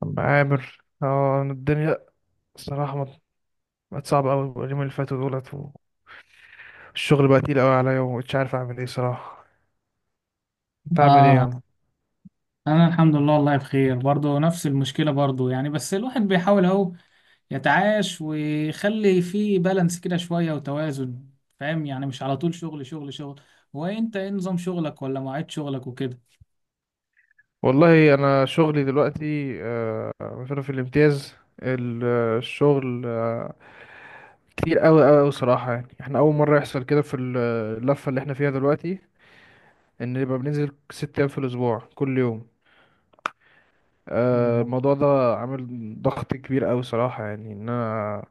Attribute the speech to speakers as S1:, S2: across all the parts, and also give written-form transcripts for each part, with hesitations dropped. S1: طب عامر اه الدنيا صراحة بقت صعبة أوي اليومين اللي فاتوا دولت، والشغل بقى تقيل أوي عليا ومش عارف أعمل إيه صراحة. أنت عامل إيه يا
S2: اه
S1: عم؟
S2: انا الحمد لله، والله بخير برضه، نفس المشكله برضه، يعني بس الواحد بيحاول اهو يتعايش ويخلي فيه بالانس كده شويه وتوازن. فاهم؟ يعني مش على طول شغل شغل شغل. هو انت ايه نظام شغلك، ولا مواعيد شغلك وكده؟
S1: والله أنا شغلي دلوقتي مثلا في الامتياز، الشغل كتير أوي أوي صراحة، يعني إحنا أول مرة يحصل كده في اللفة اللي إحنا فيها دلوقتي، إن يبقى بننزل ست أيام في الأسبوع كل يوم. الموضوع ده عامل ضغط كبير أوي صراحة، يعني إن أنا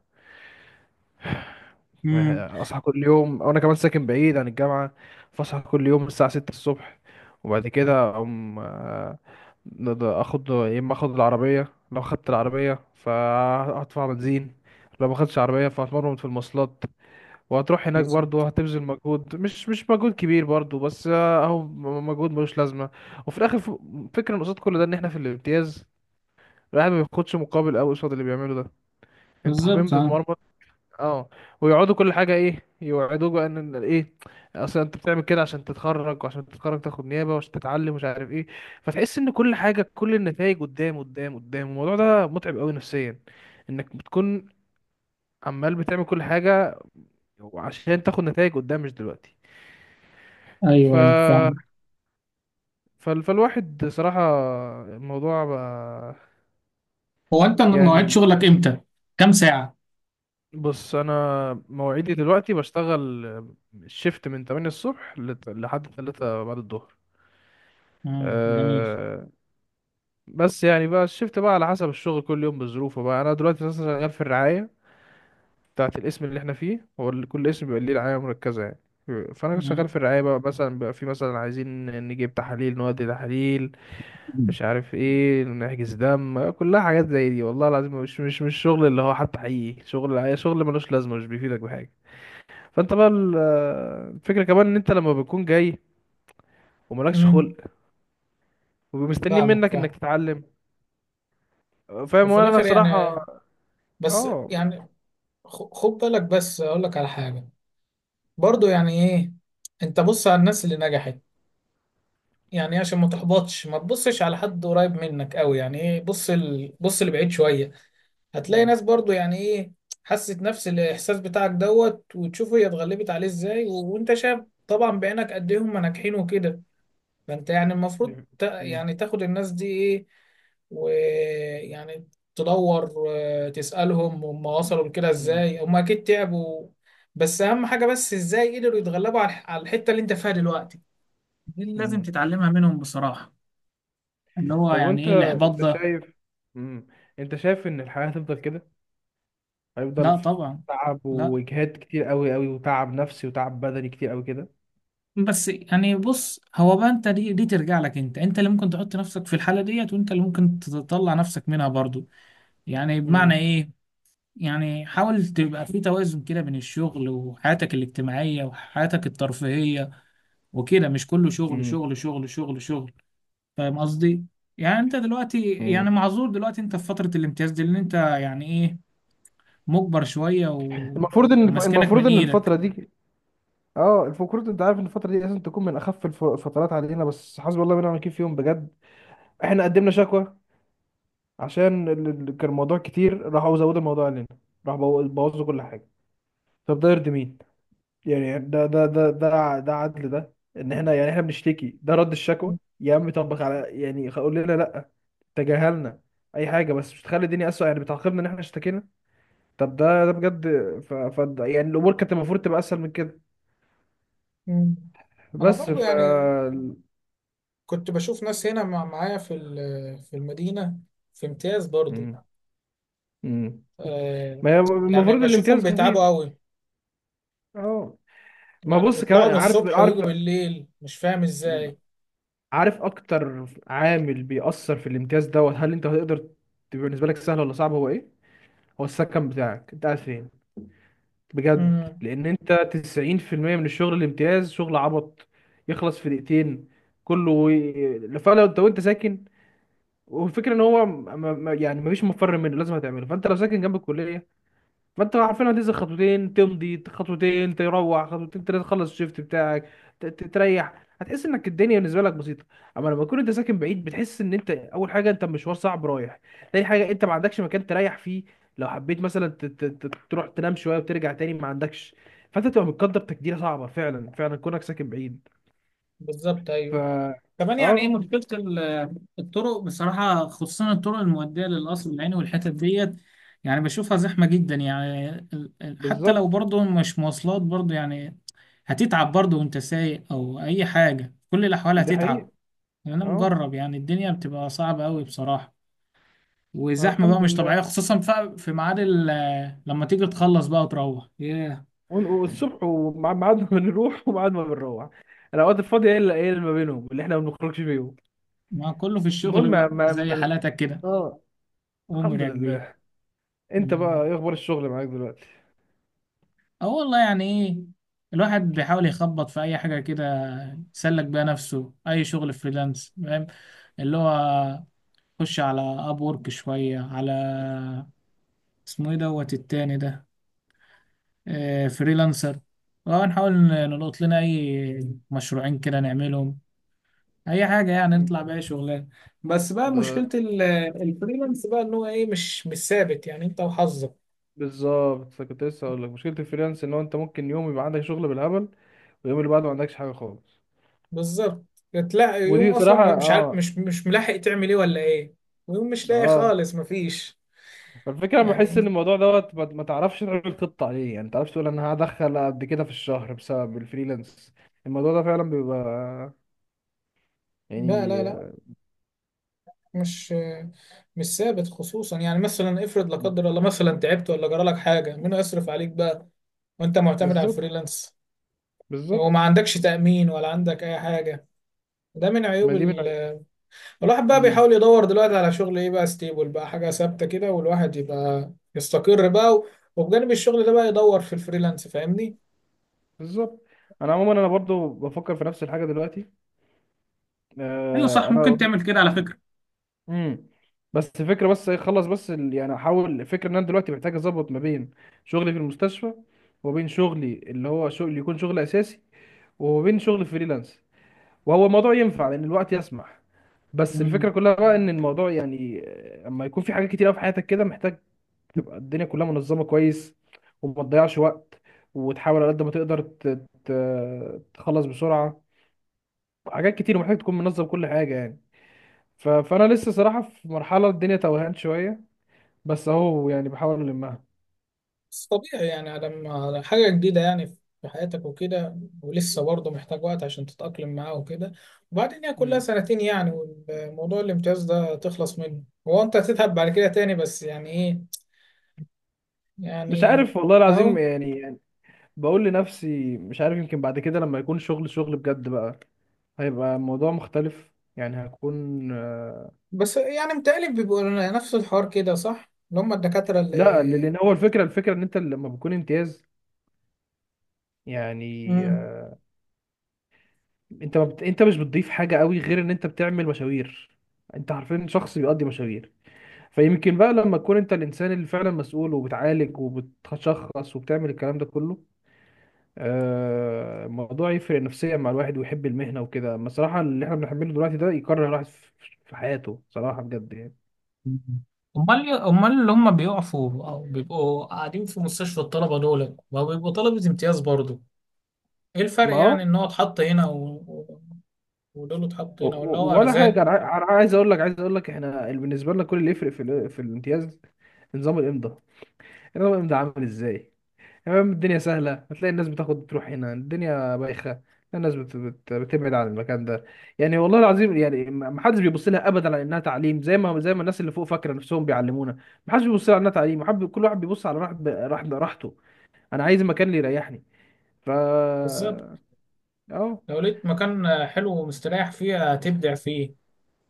S2: امم.
S1: اصحى كل يوم وانا كمان ساكن بعيد عن الجامعه، فاصحى كل يوم الساعه 6 الصبح، وبعد كده اقوم اخد، يا اما اخد العربيه، لو خدت العربيه فهدفع بنزين، لو ما خدتش عربيه فهتمرمط في المواصلات، وهتروح هناك
S2: بالظبط،
S1: برضه هتبذل مجهود، مش مجهود كبير برضه بس مجهود ملوش لازمه. وفي الاخر فكرة إن قصاد كل ده ان احنا في الامتياز الواحد ما بياخدش مقابل قوي قصاد اللي بيعمله ده. انت حرفيا
S2: بالظبط، اه.
S1: بتتمرمط. اه. ويقعدوا كل حاجه ايه يوعدوك بقى ان ايه، اصل انت بتعمل كده عشان تتخرج، وعشان تتخرج تاخد نيابه، وعشان تتعلم مش عارف ايه. فتحس ان كل حاجه، كل النتائج قدام قدام، الموضوع ده متعب قوي نفسيا، انك بتكون عمال بتعمل كل حاجه عشان تاخد نتائج قدام مش دلوقتي. ف
S2: ايوه، ايوه، فاهم.
S1: فالواحد صراحه الموضوع بقى،
S2: هو انت مواعيد
S1: يعني.
S2: شغلك امتى؟ كام ساعه؟
S1: بص، انا مواعيدي دلوقتي بشتغل الشيفت من 8 الصبح لحد 3 بعد الظهر.
S2: امم، جميل.
S1: أه، بس يعني بقى الشفت بقى على حسب الشغل، كل يوم بظروفه بقى. انا دلوقتي مثلا شغال في الرعايه بتاعه الاسم اللي احنا فيه، هو اللي كل اسم بيبقى ليه رعايه مركزه يعني. فانا شغال في
S2: امم.
S1: الرعايه بقى، مثلا بقى في مثلا عايزين نجيب تحاليل، نودي تحاليل، مش عارف ايه، نحجز دم، كلها حاجات زي دي. والله العظيم مش شغل اللي هو حتى، حقيقي شغل الرعايه شغل ملوش لازمه، مش بيفيدك بحاجه. فانت بقى الفكره كمان ان انت لما بتكون جاي وملكش
S2: امم.
S1: خلق ومستنيين
S2: فاهمك،
S1: منك انك
S2: فاهم.
S1: تتعلم. فاهم.
S2: وفي
S1: وانا أنا
S2: الاخر
S1: صراحه،
S2: يعني، بس
S1: اه.
S2: يعني، خد بالك بس اقول لك على حاجه. برضو، يعني ايه، انت بص على الناس اللي نجحت، يعني إيه، عشان ما تحبطش ما تبصش على حد قريب منك قوي، يعني ايه، بص لبعيد شوية. هتلاقي
S1: مم.
S2: ناس برضو يعني ايه، حست نفس الاحساس بتاعك دوت، وتشوف هي اتغلبت عليه ازاي، وانت شايف طبعا بعينك قد ايه هم ناجحين وكده. فانت يعني المفروض
S1: مم.
S2: يعني تاخد الناس دي ايه، ويعني تدور وتسألهم هم وصلوا لكده
S1: مم.
S2: ازاي. هم اكيد تعبوا، بس اهم حاجة بس ازاي قدروا يتغلبوا على الحتة اللي انت فيها دلوقتي، دي اللي لازم
S1: مم.
S2: تتعلمها منهم بصراحة، اللي هو
S1: طب
S2: يعني
S1: وانت،
S2: ايه الاحباط
S1: انت
S2: ده.
S1: شايف. مم. انت شايف ان الحياة هتفضل كده؟ هيفضل
S2: لا
S1: في
S2: طبعا.
S1: تعب
S2: لا،
S1: واجهاد كتير قوي قوي، وتعب نفسي وتعب بدني كتير قوي كده.
S2: بس يعني بص، هو بقى انت دي ترجع لك، انت اللي ممكن تحط نفسك في الحالة ديت، وانت اللي ممكن تطلع نفسك منها برضو. يعني بمعنى
S1: مم.
S2: ايه، يعني حاول تبقى في توازن كده بين الشغل وحياتك الاجتماعية وحياتك الترفيهية وكده، مش كله شغل
S1: مم.
S2: شغل شغل شغل شغل. فاهم قصدي؟ يعني انت دلوقتي يعني
S1: مم.
S2: معذور، دلوقتي انت في فترة الامتياز دي، لان انت يعني ايه مجبر شوية وماسكينك من
S1: المفروض ان
S2: ايدك.
S1: الفترة دي، اه، المفروض انت عارف ان الفترة دي لازم تكون من اخف الفترات علينا، بس حسبي الله ونعم الوكيل فيهم بجد. احنا قدمنا شكوى عشان كان الموضوع كتير، راحوا زودوا الموضوع علينا، راحوا بوظوا كل حاجة. طب ده يرضي مين؟ يعني ده ده عدل؟ ده ان احنا يعني احنا بنشتكي، ده رد الشكوى؟ يا عم طبق على يعني، قول لنا لا، تجاهلنا، اي حاجه، بس مش تخلي الدنيا اسوء، يعني بتعاقبنا ان احنا اشتكينا. طب ده بجد. ف يعني الامور كانت المفروض تبقى اسهل من كده،
S2: مم. انا
S1: بس
S2: برضو
S1: ف.
S2: يعني كنت بشوف ناس هنا معايا في المدينة، في امتياز برضو.
S1: مم. مم.
S2: آه
S1: ما هي
S2: يعني
S1: المفروض
S2: بشوفهم
S1: الامتياز
S2: بيتعبوا
S1: خفيف.
S2: قوي،
S1: اه. ما
S2: يعني
S1: بص،
S2: بيطلعوا
S1: كمان
S2: من
S1: عارف
S2: الصبح
S1: عارف
S2: ويجوا بالليل، مش فاهم ازاي.
S1: عارف اكتر عامل بيأثر في الامتياز دوت، هل انت هتقدر تبقى بالنسبه لك سهل ولا صعب؟ هو ايه هو السكن بتاعك، انت قاعد فين؟ بجد،
S2: امم،
S1: لان انت 90% من الشغل الامتياز شغل عبط، يخلص في دقيقتين، كله فلو انت وانت ساكن، والفكره ان هو يعني مفيش مفر منه لازم هتعمله، فانت لو ساكن جنب الكليه فانت عارفين هتنزل خطوتين، تمضي خطوتين، تروح خطوتين تلاته، تخلص الشيفت بتاعك، تريح، هتحس انك الدنيا بالنسبه لك بسيطه. اما لما تكون انت ساكن بعيد، بتحس ان انت اول حاجه انت مشوار صعب رايح، تاني حاجه انت ما عندكش مكان تريح فيه، لو حبيت مثلا تروح تنام شويه وترجع تاني ما عندكش. فانت تبقى متقدر تقديره صعبه فعلا، فعلا كونك ساكن بعيد.
S2: بالظبط،
S1: ف،
S2: ايوه. كمان يعني ايه
S1: اه،
S2: مشكله الطرق بصراحه، خصوصا الطرق المؤديه للقصر العيني والحتت ديت. يعني بشوفها زحمه جدا، يعني حتى لو
S1: بالظبط.
S2: برضه مش مواصلات برضه، يعني هتتعب برضه، وانت سايق او اي حاجه، في كل الاحوال
S1: دي حقيقه.
S2: هتتعب. يعني انا
S1: اه.
S2: مجرب، يعني الدنيا بتبقى صعبه قوي بصراحه، وزحمه بقى
S1: الحمد
S2: مش
S1: لله.
S2: طبيعيه، خصوصا في ميعاد لما تيجي تخلص بقى وتروح، ياه.
S1: والصبح وميعاد ما بنروح وميعاد ما بنروح، الاوقات الفاضيه هي اللي اللي ما بينهم اللي احنا ما بنخرجش فيهم.
S2: ما كله في
S1: المهم
S2: الشغل
S1: ما
S2: بقى زي
S1: ما
S2: حالاتك كده.
S1: اه.
S2: أمور
S1: الحمد
S2: يا كبير.
S1: لله. انت بقى ايه اخبار الشغل معاك دلوقتي؟
S2: أه، والله يعني إيه، الواحد بيحاول يخبط في أي حاجة كده يسلك بيها نفسه، أي شغل فريلانس، فاهم؟ اللي هو، خش على أب وورك شوية، على اسمه إيه دوت التاني ده، فريلانسر. ونحاول نلقط لنا أي مشروعين كده نعملهم، أي حاجة يعني،
S1: انت
S2: نطلع بأي شغلانة. بس بقى
S1: ده
S2: مشكلة الفريلانس بقى إن هو إيه، مش ثابت، يعني أنت وحظك.
S1: بالظبط كنت لسه هقول لك، مشكله الفريلانس ان هو انت ممكن يوم يبقى عندك شغل بالهبل، واليوم اللي بعده ما عندكش حاجه خالص.
S2: بالظبط. تلاقي
S1: ودي
S2: يوم اصلا
S1: بصراحه،
S2: مش عارف،
S1: اه،
S2: مش ملاحق تعمل ايه ولا ايه، ويوم مش لاقي
S1: اه،
S2: خالص مفيش،
S1: فالفكره انا
S2: يعني.
S1: بحس ان الموضوع دوت ما تعرفش تعمل خطه عليه، يعني ما تعرفش تقول انا هدخل قد كده في الشهر بسبب الفريلانس. الموضوع ده فعلا بيبقى
S2: لا
S1: يعني،
S2: لا لا، مش مش ثابت، خصوصا يعني مثلا افرض لا قدر الله مثلا تعبت ولا جرى لك حاجه، مين يصرف عليك بقى وانت معتمد على
S1: بالظبط،
S2: الفريلانس؟ وما
S1: بالظبط.
S2: عندكش تامين ولا عندك اي حاجه. ده من
S1: ما
S2: عيوب.
S1: دي من،
S2: الواحد بقى
S1: امم،
S2: بيحاول يدور دلوقتي على شغل ايه بقى، ستيبل بقى، حاجه ثابته كده، والواحد يبقى يستقر بقى، وبجانب الشغل ده بقى يدور في الفريلانس، فاهمني؟
S1: بالظبط. انا عموما انا برضو بفكر في نفس الحاجه دلوقتي،
S2: ايوه
S1: آه
S2: صح، ممكن
S1: انا.
S2: تعمل كده على فكرة.
S1: امم. بس فكره بس إيه، خلص بس يعني احاول، الفكره ان انا دلوقتي محتاج اظبط ما بين شغلي في المستشفى، وبين شغلي اللي هو شغل يكون شغل اساسي، وبين شغل فريلانس، وهو الموضوع ينفع لان الوقت يسمح. بس
S2: مم.
S1: الفكره كلها بقى ان الموضوع يعني اما يكون في حاجات كتير أوي في حياتك كده، محتاج تبقى الدنيا كلها منظمة كويس، وما تضيعش وقت، وتحاول على قد ما تقدر تخلص بسرعة، حاجات كتير ومحتاج تكون منظم كل حاجة يعني. ف... فأنا لسه صراحة في مرحلة الدنيا توهان شوية، بس أهو يعني بحاول ألمها.
S2: بس طبيعي، يعني على ما على حاجة جديدة، يعني في حياتك وكده، ولسه برضه محتاج وقت عشان تتأقلم معاه وكده، وبعدين هي كلها
S1: مم.
S2: سنتين يعني، والموضوع الامتياز ده تخلص منه. هو أنت هتتعب بعد كده تاني، بس يعني إيه،
S1: مش
S2: يعني،
S1: عارف والله العظيم
S2: أهو.
S1: يعني, يعني، بقول لنفسي مش عارف، يمكن بعد كده لما يكون شغل، شغل بجد بقى، هيبقى الموضوع مختلف، يعني هكون
S2: بس يعني متهيألي بيبقوا نفس الحوار كده، صح؟ اللي هم الدكاترة
S1: لا.
S2: اللي...
S1: لأن هو الفكرة إن أنت لما بتكون امتياز، يعني
S2: مم.
S1: انت ما بت... انت مش بتضيف حاجه قوي غير ان انت بتعمل مشاوير، انت عارفين شخص بيقضي مشاوير. فيمكن بقى لما تكون انت الانسان اللي فعلا مسؤول، وبتعالج وبتشخص وبتعمل الكلام ده كله، الموضوع يفرق نفسيا مع الواحد ويحب المهنه وكده، اما الصراحه اللي احنا بنحمله دلوقتي ده يكره الواحد في في حياته صراحه بجد يعني.
S2: امال اللي هم بيقفوا او بيبقوا قاعدين في مستشفى الطلبه، دول ما بيبقوا طلبه امتياز برضو؟ ايه
S1: ما
S2: الفرق
S1: هو
S2: يعني، ان هو اتحط هنا و- ودول اتحط هنا، ولا هو
S1: ولا
S2: ارزاق؟
S1: حاجه، انا انا عايز اقول لك، عايز اقول لك احنا بالنسبه لنا كل اللي يفرق في في الامتياز نظام الامضاء. نظام الامضاء عامل ازاي، تمام، الدنيا سهلة، هتلاقي الناس بتاخد تروح هنا الدنيا بايخة الناس بتبعد عن المكان ده. يعني والله العظيم يعني، ما حدش بيبص لها ابدا على انها تعليم، زي ما الناس اللي فوق فاكره نفسهم بيعلمونا. ما حدش بيبص لها على انها تعليم، كل واحد بيبص على راحت ب... راحت راحته، انا عايز مكان اللي يريحني. ف،
S2: بالظبط.
S1: اه،
S2: لو لقيت مكان حلو ومستريح فيه هتبدع فيه،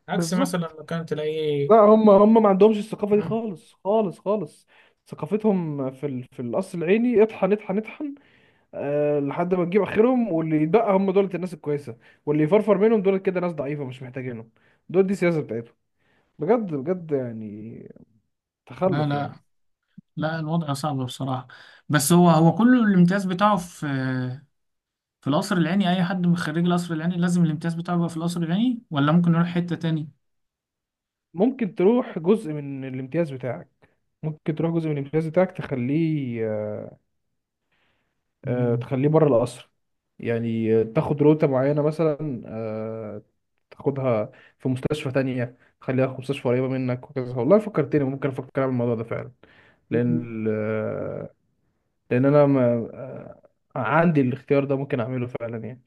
S2: عكس مثلا
S1: بالظبط.
S2: مكان تلاقيه.
S1: لا، هم ما عندهمش الثقافة دي
S2: مم.
S1: خالص خالص. ثقافتهم في في القصر العيني اطحن اطحن، لحد ما تجيب اخرهم، واللي يتبقى هم دولت الناس الكويسه، واللي يفرفر منهم دولت كده ناس ضعيفه مش محتاجينهم. دول دي السياسه بتاعتهم، بجد بجد يعني،
S2: لا
S1: تخلف
S2: لا
S1: يعني.
S2: لا، الوضع صعب بصراحة. بس هو كله الامتياز بتاعه في القصر العيني. أي حد من خريج القصر العيني لازم الامتياز بتاعه يبقى في القصر العيني؟ ولا ممكن نروح حتة تاني؟
S1: ممكن تروح جزء من الامتياز بتاعك، ممكن تروح جزء من الامتياز بتاعك تخليه
S2: مم.
S1: تخليه بره القصر، يعني تاخد روتة معينة مثلا، تاخدها في مستشفى تانية، تخليها في مستشفى قريبة منك وكذا. والله فكرتني، ممكن أفكر أعمل الموضوع ده فعلا، لأن لان انا ما آه، عندي الاختيار ده ممكن اعمله فعلا يعني.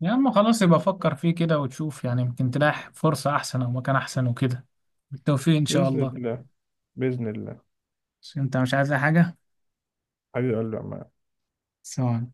S2: يا اما خلاص يبقى فكر فيه كده وتشوف، يعني يمكن تلاقي فرصة أحسن أو مكان أحسن وكده. بالتوفيق إن شاء
S1: باذن
S2: الله.
S1: الله، باذن الله.
S2: بس انت مش عايز أي حاجة؟
S1: حبيبي قلبي يا عم.
S2: سلام عليكم.